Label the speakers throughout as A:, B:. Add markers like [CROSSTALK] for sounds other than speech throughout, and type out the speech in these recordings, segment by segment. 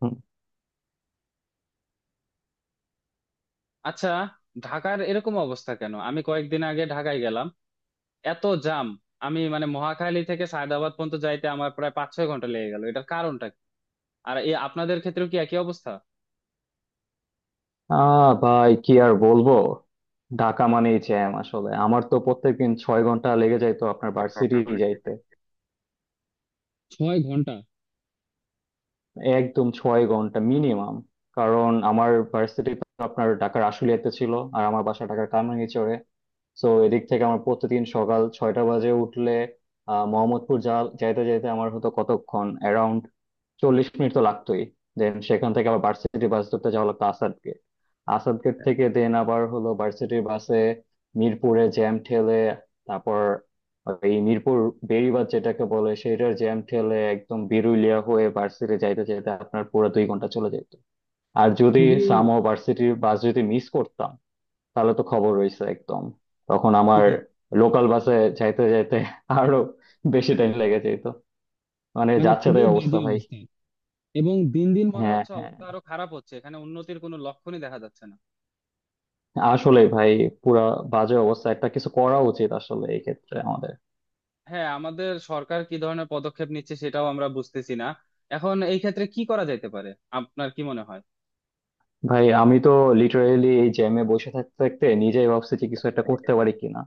A: হুম।
B: আচ্ছা, ঢাকার এরকম অবস্থা কেন? আমি কয়েকদিন আগে ঢাকায় গেলাম, এত জাম। আমি মানে মহাখালী থেকে সায়দাবাদ পর্যন্ত যাইতে আমার প্রায় 5-6 ঘন্টা লেগে গেল। এটার কারণটা কি? আর এই আপনাদের ক্ষেত্রেও কি একই অবস্থা?
A: ভাই কি আর বলবো। ঢাকা মানেই জ্যাম। আসলে আমার তো প্রত্যেকদিন 6 ঘন্টা লেগে যাইতো আপনার ভার্সিটি যাইতে।
B: 6 ঘন্টা?
A: একদম 6 ঘন্টা মিনিমাম। কারণ আমার ভার্সিটি তো আপনার ঢাকার আশুলিয়াতে ছিল, আর আমার বাসা ঢাকার কামরাঙ্গীরচরে। তো এদিক থেকে আমার প্রতিদিন সকাল 6টা বাজে উঠলে, মোহাম্মদপুর যা যাইতে যাইতে আমার হতো কতক্ষণ, অ্যারাউন্ড 40 মিনিট তো লাগতোই। দেন সেখান থেকে আবার ভার্সিটি বাস ধরতে যাওয়া লাগতো আসাদ গেট। আসাদ গেট থেকে দেন আবার হলো ভার্সিটির বাসে মিরপুরে জ্যাম ঠেলে, তারপর এই মিরপুর বেড়িবাঁধ যেটাকে বলে, সেটার জ্যাম ঠেলে একদম বিরুলিয়া হয়ে ভার্সিটি যাইতে যাইতে আপনার পুরো 2 ঘন্টা চলে যেত। আর যদি
B: খুবই।
A: সামো ভার্সিটির বাস যদি মিস করতাম, তাহলে তো খবর রয়েছে একদম। তখন আমার
B: [LAUGHS]
A: লোকাল বাসে যাইতে যাইতে [LAUGHS] আরো বেশি টাইম লেগে যেত। মানে
B: মানে
A: যাচ্ছে
B: খুবই
A: তাই অবস্থা
B: বাজে
A: ভাই।
B: অবস্থা। এবং দিন দিন মনে
A: হ্যাঁ,
B: হচ্ছে
A: হ্যাঁ,
B: অবস্থা আরো খারাপ হচ্ছে, এখানে উন্নতির কোনো লক্ষণই দেখা যাচ্ছে না।
A: আসলে ভাই পুরা বাজে অবস্থা। একটা কিছু করা উচিত আসলে এই ক্ষেত্রে আমাদের।
B: হ্যাঁ, আমাদের সরকার কি ধরনের পদক্ষেপ নিচ্ছে সেটাও আমরা বুঝতেছি না। এখন এই ক্ষেত্রে কি করা যেতে পারে? আপনার কি মনে
A: ভাই আমি তো লিটারেলি এই জ্যামে বসে থাকতে থাকতে নিজেই ভাবছি যে কিছু একটা
B: হয়?
A: করতে পারি কিনা।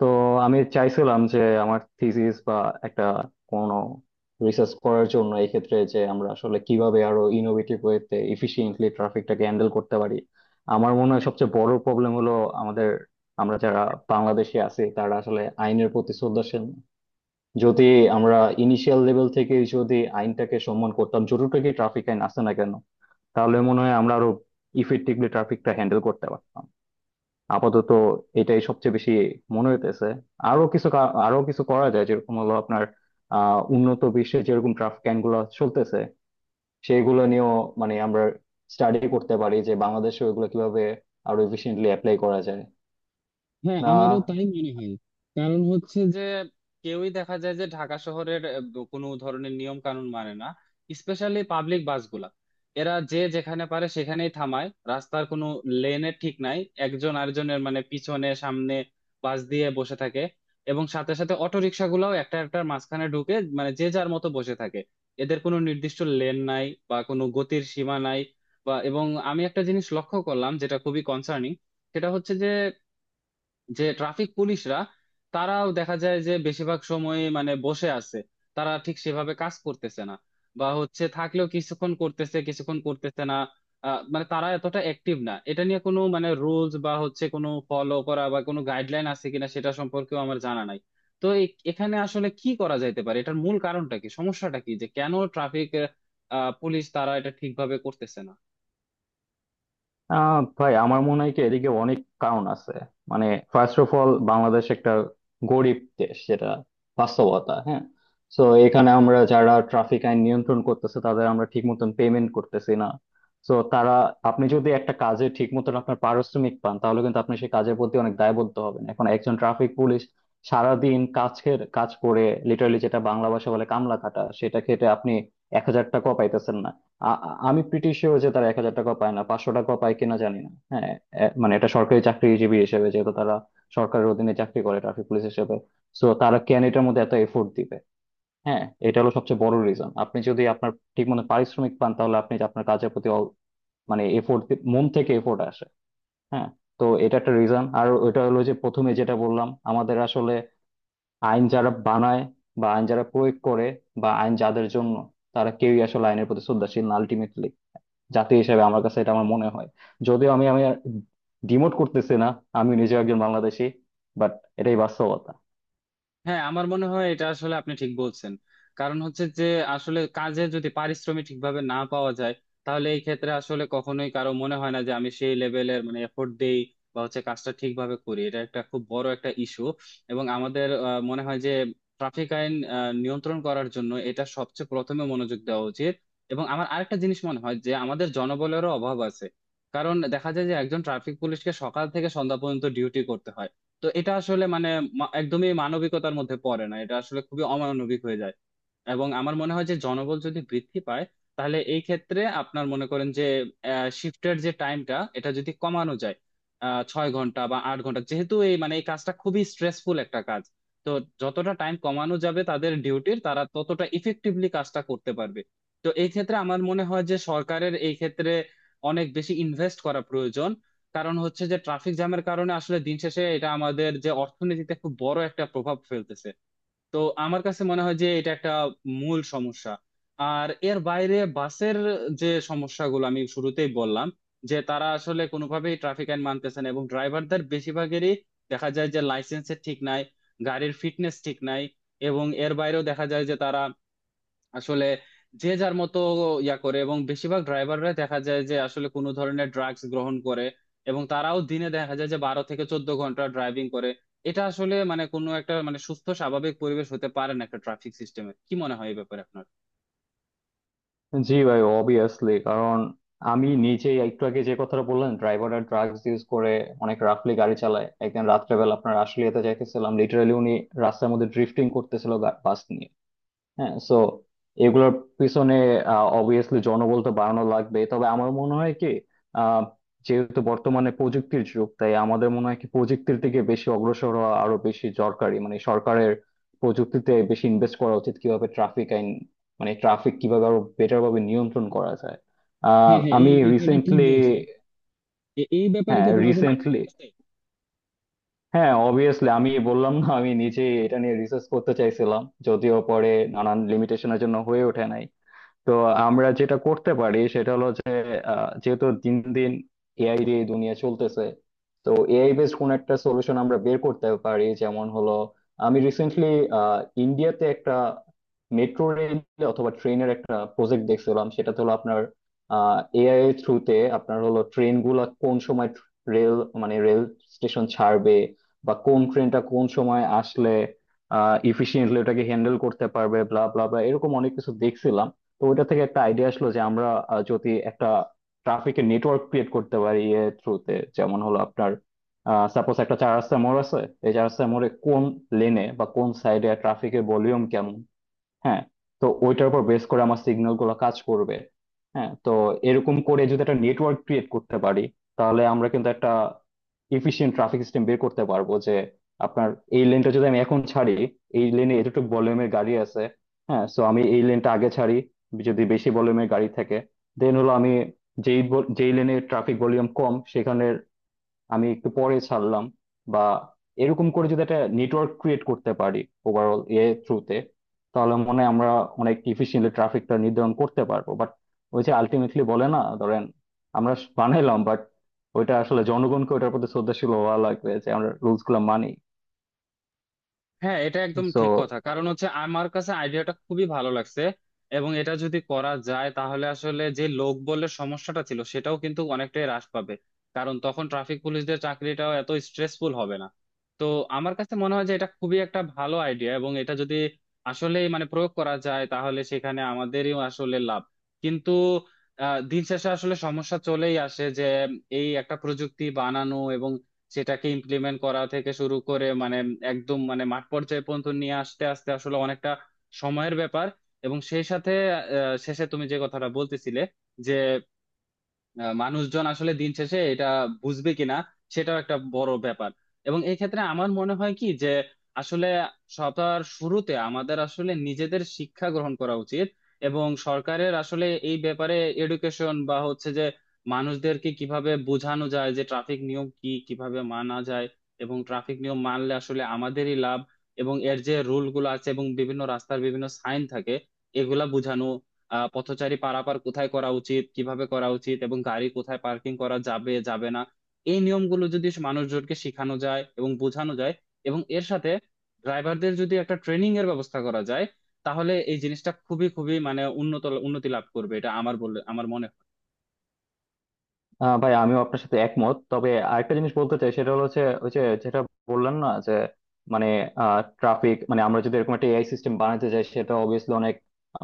A: তো আমি চাইছিলাম যে আমার থিসিস বা একটা কোনো রিসার্চ করার জন্য, এই ক্ষেত্রে যে আমরা আসলে কিভাবে আরো ইনোভেটিভ ওয়েতে এফিশিয়েন্টলি ট্রাফিকটাকে হ্যান্ডেল করতে পারি। আমার মনে হয় সবচেয়ে বড় প্রবলেম হলো আমাদের, আমরা যারা বাংলাদেশে আছি, তারা আসলে আইনের প্রতি শ্রদ্ধাশীল না। যদি আমরা ইনিশিয়াল লেভেল থেকে যদি আইনটাকে সম্মান করতাম, যতটুকু ট্রাফিক আইন আছে না কেন, তাহলে মনে হয় আমরা আরো ইফেক্টিভলি ট্রাফিকটা হ্যান্ডেল করতে পারতাম। আপাতত এটাই সবচেয়ে বেশি মনে হইতেছে। আরো কিছু আরো কিছু করা যায়, যেরকম হলো আপনার উন্নত বিশ্বে যেরকম ট্রাফিক আইন গুলো চলতেছে, সেইগুলো নিয়েও মানে আমরা স্টাডি করতে পারি যে বাংলাদেশে ওইগুলো কিভাবে আরো এফিসিয়েন্টলি অ্যাপ্লাই করা যায়।
B: হ্যাঁ,
A: না।
B: আমারও তাই মনে হয়। কারণ হচ্ছে যে কেউই দেখা যায় যে ঢাকা শহরের কোনো ধরনের নিয়ম কানুন মানে না। স্পেশালি পাবলিক বাসগুলা এরা যে যেখানে পারে সেখানেই থামায়, রাস্তার কোনো লেনে ঠিক নাই। একজন আরেকজনের মানে পিছনে সামনে বাস দিয়ে বসে থাকে, এবং সাথে সাথে অটো রিক্সাগুলাও একটা একটার মাঝখানে ঢুকে মানে যে যার মতো বসে থাকে। এদের কোনো নির্দিষ্ট লেন নাই বা কোনো গতির সীমা নাই। এবং আমি একটা জিনিস লক্ষ্য করলাম যেটা খুবই কনসার্নিং। সেটা হচ্ছে যে যে ট্রাফিক পুলিশরা, তারাও দেখা যায় যে বেশিরভাগ সময় মানে বসে আছে। তারা ঠিক সেভাবে কাজ করতেছে না, বা হচ্ছে থাকলেও কিছুক্ষণ করতেছে কিছুক্ষণ করতেছে না। মানে তারা এতটা অ্যাক্টিভ না। এটা নিয়ে কোনো মানে রুলস বা হচ্ছে কোনো ফলো করা বা কোনো গাইডলাইন আছে কিনা সেটা সম্পর্কেও আমার জানা নাই। তো এখানে আসলে কি করা যাইতে পারে? এটার মূল কারণটা কি? সমস্যাটা কি যে কেন ট্রাফিক পুলিশ তারা এটা ঠিকভাবে করতেছে না?
A: ভাই আমার মনে হয় কি এদিকে অনেক কারণ আছে। মানে ফার্স্ট অফ অল বাংলাদেশ একটা গরিব দেশ, যেটা বাস্তবতা, হ্যাঁ। তো এখানে আমরা যারা ট্রাফিক আইন নিয়ন্ত্রণ করতেছে, তাদের আমরা ঠিক মতন পেমেন্ট করতেছি না। তো তারা, আপনি যদি একটা কাজে ঠিক মতন আপনার পারিশ্রমিক পান, তাহলে কিন্তু আপনি সেই কাজের প্রতি অনেক দায়বদ্ধ হবেন। এখন একজন ট্রাফিক পুলিশ সারাদিন কাজ কাজ করে, লিটারালি যেটা বাংলা ভাষা বলে কামলা খাটা, সেটা খেটে আপনি 1,000 টাকাও পাইতেছেন না। আমি প্রিটি শিওর যে তারা 1,000 টাকা পায় না, 500 টাকা পায় কিনা জানি না, হ্যাঁ। মানে এটা সরকারি চাকরিজীবী হিসেবে যেহেতু তারা সরকারের অধীনে চাকরি করে ট্রাফিক পুলিশ হিসেবে, সো তারা কেন এটার মধ্যে এত এফোর্ট দিবে। হ্যাঁ, এটা হলো সবচেয়ে বড় রিজন। আপনি যদি আপনার ঠিক মতো পারিশ্রমিক পান, তাহলে আপনি আপনার কাজের প্রতি মানে এফোর্ট, মন থেকে এফোর্ট আসে, হ্যাঁ। তো এটা একটা রিজন। আর ওইটা হলো যে প্রথমে যেটা বললাম, আমাদের আসলে আইন যারা বানায়, বা আইন যারা প্রয়োগ করে, বা আইন যাদের জন্য, তারা কেউই আসলে আইনের প্রতি শ্রদ্ধাশীল না আলটিমেটলি। জাতি হিসেবে আমার কাছে এটা আমার মনে হয়, যদিও আমি আমি ডিমোট করতেছি না, আমি নিজেও একজন বাংলাদেশী, বাট এটাই বাস্তবতা।
B: হ্যাঁ, আমার মনে হয় এটা আসলে আপনি ঠিক বলছেন। কারণ হচ্ছে যে আসলে কাজে যদি পারিশ্রমিক ঠিকভাবে না পাওয়া যায়, তাহলে এই ক্ষেত্রে আসলে কখনোই কারো মনে হয় না যে আমি সেই লেভেলের মানে এফোর্ট দেই বা হচ্ছে কাজটা ঠিকভাবে করি। এটা একটা খুব বড় একটা ইস্যু। এবং আমাদের মনে হয় যে ট্রাফিক আইন নিয়ন্ত্রণ করার জন্য এটা সবচেয়ে প্রথমে মনোযোগ দেওয়া উচিত। এবং আমার আরেকটা জিনিস মনে হয় যে আমাদের জনবলেরও অভাব আছে। কারণ দেখা যায় যে একজন ট্রাফিক পুলিশকে সকাল থেকে সন্ধ্যা পর্যন্ত ডিউটি করতে হয়। তো এটা আসলে মানে একদমই মানবিকতার মধ্যে পড়ে না, এটা আসলে খুবই অমানবিক হয়ে যায়। এবং আমার মনে হয় যে জনবল যদি বৃদ্ধি পায়, তাহলে এই ক্ষেত্রে আপনার মনে করেন যে শিফটের যে টাইমটা এটা যদি কমানো যায়। 6 ঘন্টা বা 8 ঘন্টা, যেহেতু এই মানে এই কাজটা খুবই স্ট্রেসফুল একটা কাজ। তো যতটা টাইম কমানো যাবে তাদের ডিউটির, তারা ততটা ইফেক্টিভলি কাজটা করতে পারবে। তো এই ক্ষেত্রে আমার মনে হয় যে সরকারের এই ক্ষেত্রে অনেক বেশি ইনভেস্ট করা প্রয়োজন। কারণ হচ্ছে যে ট্রাফিক জ্যামের কারণে আসলে দিন শেষে এটা আমাদের যে অর্থনীতিতে খুব বড় একটা প্রভাব ফেলতেছে। তো আমার কাছে মনে হয় যে এটা একটা মূল সমস্যা। আর এর বাইরে বাসের যে সমস্যাগুলো আমি শুরুতেই বললাম, যে তারা আসলে কোনোভাবেই ট্রাফিক আইন মানতেছে না এবং ড্রাইভারদের বেশিরভাগেরই দেখা যায় যে লাইসেন্সের ঠিক নাই, গাড়ির ফিটনেস ঠিক নাই। এবং এর বাইরেও দেখা যায় যে তারা আসলে যে যার মতো ইয়া করে, এবং বেশিরভাগ ড্রাইভাররা দেখা যায় যে আসলে কোনো ধরনের ড্রাগস গ্রহণ করে, এবং তারাও দিনে দেখা যায় যে 12 থেকে 14 ঘন্টা ড্রাইভিং করে। এটা আসলে মানে কোনো একটা মানে সুস্থ স্বাভাবিক পরিবেশ হতে পারে না একটা ট্রাফিক সিস্টেমের। কি মনে হয় এই ব্যাপারে আপনার?
A: জি ভাই, অবভিয়াসলি। কারণ আমি নিজেই, একটু আগে যে কথাটা বললেন ড্রাইভাররা ড্রাগস ইউজ করে, অনেক রাফলি গাড়ি চালায়। একদিন রাত্রেবেলা আপনার আশুলিয়াতে যাইতেছিলাম, লিটারালি উনি রাস্তার মধ্যে ড্রিফটিং করতেছিল বাস নিয়ে। হ্যাঁ, সো এগুলোর পিছনে অবভিয়াসলি জনবল তো বাড়ানো লাগবে, তবে আমার মনে হয় কি, আহ, যেহেতু বর্তমানে প্রযুক্তির যুগ, তাই আমাদের মনে হয় কি প্রযুক্তির দিকে বেশি অগ্রসর হওয়া আরো বেশি দরকারি, মানে সরকারের প্রযুক্তিতে বেশি ইনভেস্ট করা উচিত, কিভাবে ট্রাফিক আইন মানে ট্রাফিক কিভাবে আরো বেটার ভাবে নিয়ন্ত্রণ করা যায়।
B: হ্যাঁ, হ্যাঁ,
A: আমি
B: এই কথাটা ঠিক
A: রিসেন্টলি।
B: বলছো। এই ব্যাপারে
A: হ্যাঁ
B: কি তোমার কোনো আইডিয়া
A: রিসেন্টলি,
B: আছে?
A: হ্যাঁ অবভিয়াসলি। আমি বললাম না আমি নিজে এটা নিয়ে রিসার্চ করতে চাইছিলাম, যদিও পরে নানান লিমিটেশনের জন্য হয়ে ওঠে নাই। তো আমরা যেটা করতে পারি সেটা হলো যে, যেহেতু দিন দিন এআই দিয়ে এই দুনিয়া চলতেছে, তো এআই বেসড কোন একটা সলিউশন আমরা বের করতে পারি, যেমন হলো আমি রিসেন্টলি ইন্ডিয়াতে একটা মেট্রো রেল অথবা ট্রেনের একটা প্রজেক্ট দেখছিলাম। সেটা হলো আপনার এআই এর থ্রুতে আপনার হলো ট্রেন গুলা কোন সময় রেল মানে রেল স্টেশন ছাড়বে, বা কোন ট্রেনটা কোন সময় আসলে ইফিসিয়েন্টলি ওটাকে হ্যান্ডেল করতে পারবে, ব্লা ব্লা ব্লা, এরকম অনেক কিছু দেখছিলাম। তো ওইটা থেকে একটা আইডিয়া আসলো যে আমরা যদি একটা ট্রাফিকের নেটওয়ার্ক ক্রিয়েট করতে পারি এর থ্রুতে, যেমন হলো আপনার সাপোজ একটা চার রাস্তা মোড় আছে, এই চার রাস্তা মোড়ে কোন লেনে বা কোন সাইডে ট্রাফিকের ভলিউম কেমন, হ্যাঁ, তো ওইটার উপর বেস করে আমার সিগন্যাল গুলো কাজ করবে। হ্যাঁ, তো এরকম করে যদি একটা নেটওয়ার্ক ক্রিয়েট করতে পারি, তাহলে আমরা কিন্তু একটা এফিশিয়েন্ট ট্রাফিক সিস্টেম বের করতে পারবো, যে আপনার এই লেনটা যদি আমি এখন ছাড়ি, এই লেনে এতটুকু ভলিউমের গাড়ি আছে, হ্যাঁ, সো আমি এই লেনটা আগে ছাড়ি যদি বেশি ভলিউমের গাড়ি থাকে। দেন হলো আমি যেই লেনে ট্রাফিক ভলিউম কম, সেখানে আমি একটু পরে ছাড়লাম। বা এরকম করে যদি একটা নেটওয়ার্ক ক্রিয়েট করতে পারি ওভারঅল এ থ্রুতে, তাহলে মনে হয় আমরা অনেক ইফিসিয়েন্টলি ট্রাফিকটা নির্ধারণ করতে পারবো। বাট ওই যে আলটিমেটলি বলে না, ধরেন আমরা বানাইলাম, বাট ওইটা আসলে জনগণকে ওটার প্রতি শ্রদ্ধাশীল হওয়া লাগবে যে আমরা রুলস গুলা মানি।
B: হ্যাঁ, এটা একদম ঠিক
A: So
B: কথা। কারণ হচ্ছে আমার কাছে আইডিয়াটা খুবই ভালো লাগছে। এবং এটা যদি করা যায় তাহলে আসলে যে লোকবলের সমস্যাটা ছিল সেটাও কিন্তু অনেকটাই হ্রাস পাবে। কারণ তখন ট্রাফিক পুলিশদের চাকরিটাও এত স্ট্রেসফুল হবে না। তো আমার কাছে মনে হয় যে এটা খুবই একটা ভালো আইডিয়া, এবং এটা যদি আসলে মানে প্রয়োগ করা যায় তাহলে সেখানে আমাদেরই আসলে লাভ। কিন্তু দিন শেষে আসলে সমস্যা চলেই আসে যে এই একটা প্রযুক্তি বানানো, সেটাকে ইমপ্লিমেন্ট করা থেকে শুরু করে মানে একদম মানে মাঠ পর্যায়ে পর্যন্ত নিয়ে আসতে আসতে আসলে অনেকটা সময়ের ব্যাপার। এবং সেই সাথে শেষে তুমি যে কথাটা বলতেছিলে, যে মানুষজন আসলে দিন শেষে এটা বুঝবে কিনা, সেটাও একটা বড় ব্যাপার। এবং এই ক্ষেত্রে আমার মনে হয় কি যে আসলে সবার শুরুতে আমাদের আসলে নিজেদের শিক্ষা গ্রহণ করা উচিত। এবং সরকারের আসলে এই ব্যাপারে এডুকেশন বা হচ্ছে যে মানুষদেরকে কিভাবে বোঝানো যায় যে ট্রাফিক নিয়ম কি, কিভাবে মানা যায়, এবং ট্রাফিক নিয়ম মানলে আসলে আমাদেরই লাভ, এবং এর যে রুল গুলো আছে এবং বিভিন্ন রাস্তার বিভিন্ন সাইন থাকে এগুলা বোঝানো, পথচারী পারাপার কোথায় করা উচিত, কিভাবে করা উচিত, এবং গাড়ি কোথায় পার্কিং করা যাবে যাবে না, এই নিয়মগুলো যদি মানুষজনকে শেখানো যায় এবং বোঝানো যায়। এবং এর সাথে ড্রাইভারদের যদি একটা ট্রেনিং এর ব্যবস্থা করা যায়, তাহলে এই জিনিসটা খুবই খুবই মানে উন্নতি লাভ করবে, এটা আমার বলে আমার মনে হয়।
A: ভাই আমিও আপনার সাথে একমত। তবে আরেকটা জিনিস বলতে চাই, সেটা হলো যে ওই যে যেটা বললেন না যে মানে ট্রাফিক মানে আমরা যদি এরকম একটা এআই সিস্টেম বানাতে চাই, সেটা অবভিয়াসলি অনেক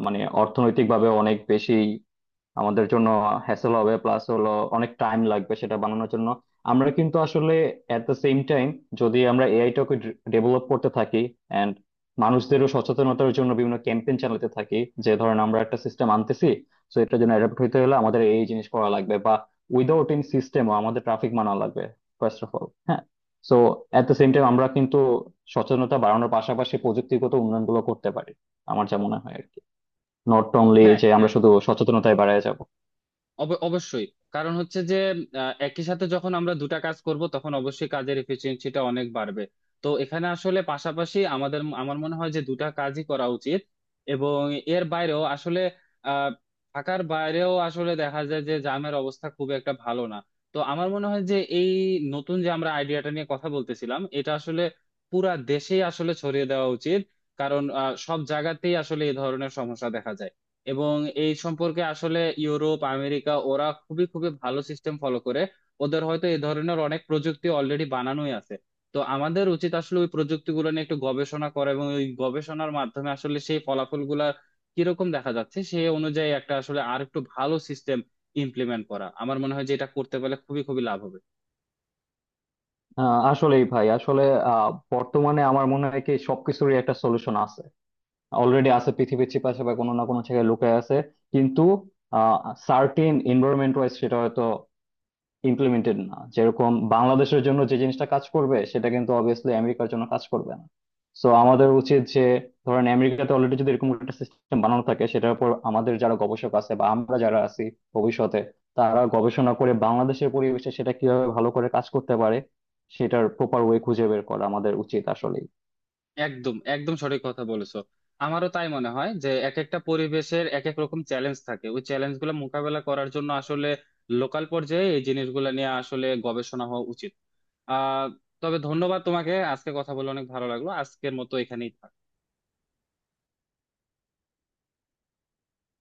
A: মানে অর্থনৈতিক ভাবে অনেক বেশি আমাদের জন্য হ্যাসেল হবে, প্লাস হলো অনেক টাইম লাগবে সেটা বানানোর জন্য। আমরা কিন্তু আসলে এট দ্য সেম টাইম, যদি আমরা এআইটাকে ডেভেলপ করতে থাকি এন্ড মানুষদেরও সচেতনতার জন্য বিভিন্ন ক্যাম্পেইন চালাতে থাকি, যে ধরেন আমরা একটা সিস্টেম আনতেছি, তো এটার জন্য অ্যাডাপ্ট হতে হলে আমাদের এই জিনিস করা লাগবে, বা উইদাউট ইন সিস্টেমও আমাদের ট্রাফিক মানা লাগবে ফার্স্ট অফ অল, হ্যাঁ। So at the same time আমরা কিন্তু সচেতনতা বাড়ানোর পাশাপাশি প্রযুক্তিগত উন্নয়নগুলো করতে পারি, আমার যা মনে হয় আর কি, নট অনলি
B: হ্যাঁ,
A: যে আমরা
B: হ্যাঁ,
A: শুধু সচেতনতায় বাড়ায় যাব।
B: অবশ্যই। কারণ হচ্ছে যে একই সাথে যখন আমরা দুটা কাজ করব তখন অবশ্যই কাজের এফিসিয়েন্সিটা অনেক বাড়বে। তো এখানে আসলে পাশাপাশি আমাদের আমার মনে হয় যে দুটা কাজই করা উচিত। এবং এর বাইরেও আসলে আহ থাকার বাইরেও আসলে দেখা যায় যে জামের অবস্থা খুব একটা ভালো না। তো আমার মনে হয় যে এই নতুন যে আমরা আইডিয়াটা নিয়ে কথা বলতেছিলাম এটা আসলে পুরা দেশেই আসলে ছড়িয়ে দেওয়া উচিত। কারণ সব জায়গাতেই আসলে এই ধরনের সমস্যা দেখা যায়। এবং এই সম্পর্কে আসলে ইউরোপ আমেরিকা ওরা খুবই খুবই ভালো সিস্টেম ফলো করে। ওদের হয়তো এই ধরনের অনেক প্রযুক্তি অলরেডি বানানোই আছে। তো আমাদের উচিত আসলে ওই প্রযুক্তিগুলো নিয়ে একটু গবেষণা করা, এবং ওই গবেষণার মাধ্যমে আসলে সেই ফলাফলগুলা কিরকম দেখা যাচ্ছে সেই অনুযায়ী একটা আসলে আর একটু ভালো সিস্টেম ইমপ্লিমেন্ট করা। আমার মনে হয় যে এটা করতে পারলে খুবই খুবই লাভ হবে।
A: আসলেই ভাই আসলে, আহ, বর্তমানে আমার মনে হয় কি সবকিছুরই একটা সলিউশন আছে, অলরেডি আছে পৃথিবীর চিপাশে বা কোনো না কোনো জায়গায় লুকায় আছে। কিন্তু সার্টিন এনভায়রনমেন্ট ওয়াইজ সেটা হয়তো ইমপ্লিমেন্টেড না। যেরকম বাংলাদেশের জন্য যে জিনিসটা কাজ করবে, সেটা কিন্তু অবভিয়াসলি আমেরিকার জন্য কাজ করবে না। সো আমাদের উচিত যে, ধরেন আমেরিকাতে অলরেডি যদি এরকম একটা সিস্টেম বানানো থাকে, সেটার উপর আমাদের যারা গবেষক আছে বা আমরা যারা আছি ভবিষ্যতে, তারা গবেষণা করে বাংলাদেশের পরিবেশে সেটা কিভাবে ভালো করে কাজ করতে পারে, সেটার প্রপার ওয়ে খুঁজে বের করা আমাদের উচিত আসলে।
B: একদম একদম সঠিক কথা বলেছো। আমারও তাই মনে হয় যে এক একটা পরিবেশের এক এক রকম চ্যালেঞ্জ থাকে, ওই চ্যালেঞ্জ গুলো মোকাবেলা করার জন্য আসলে লোকাল পর্যায়ে এই জিনিসগুলো নিয়ে আসলে গবেষণা হওয়া উচিত। আহ তবে ধন্যবাদ তোমাকে, আজকে কথা বলে অনেক ভালো লাগলো, আজকের মতো এখানেই থাক।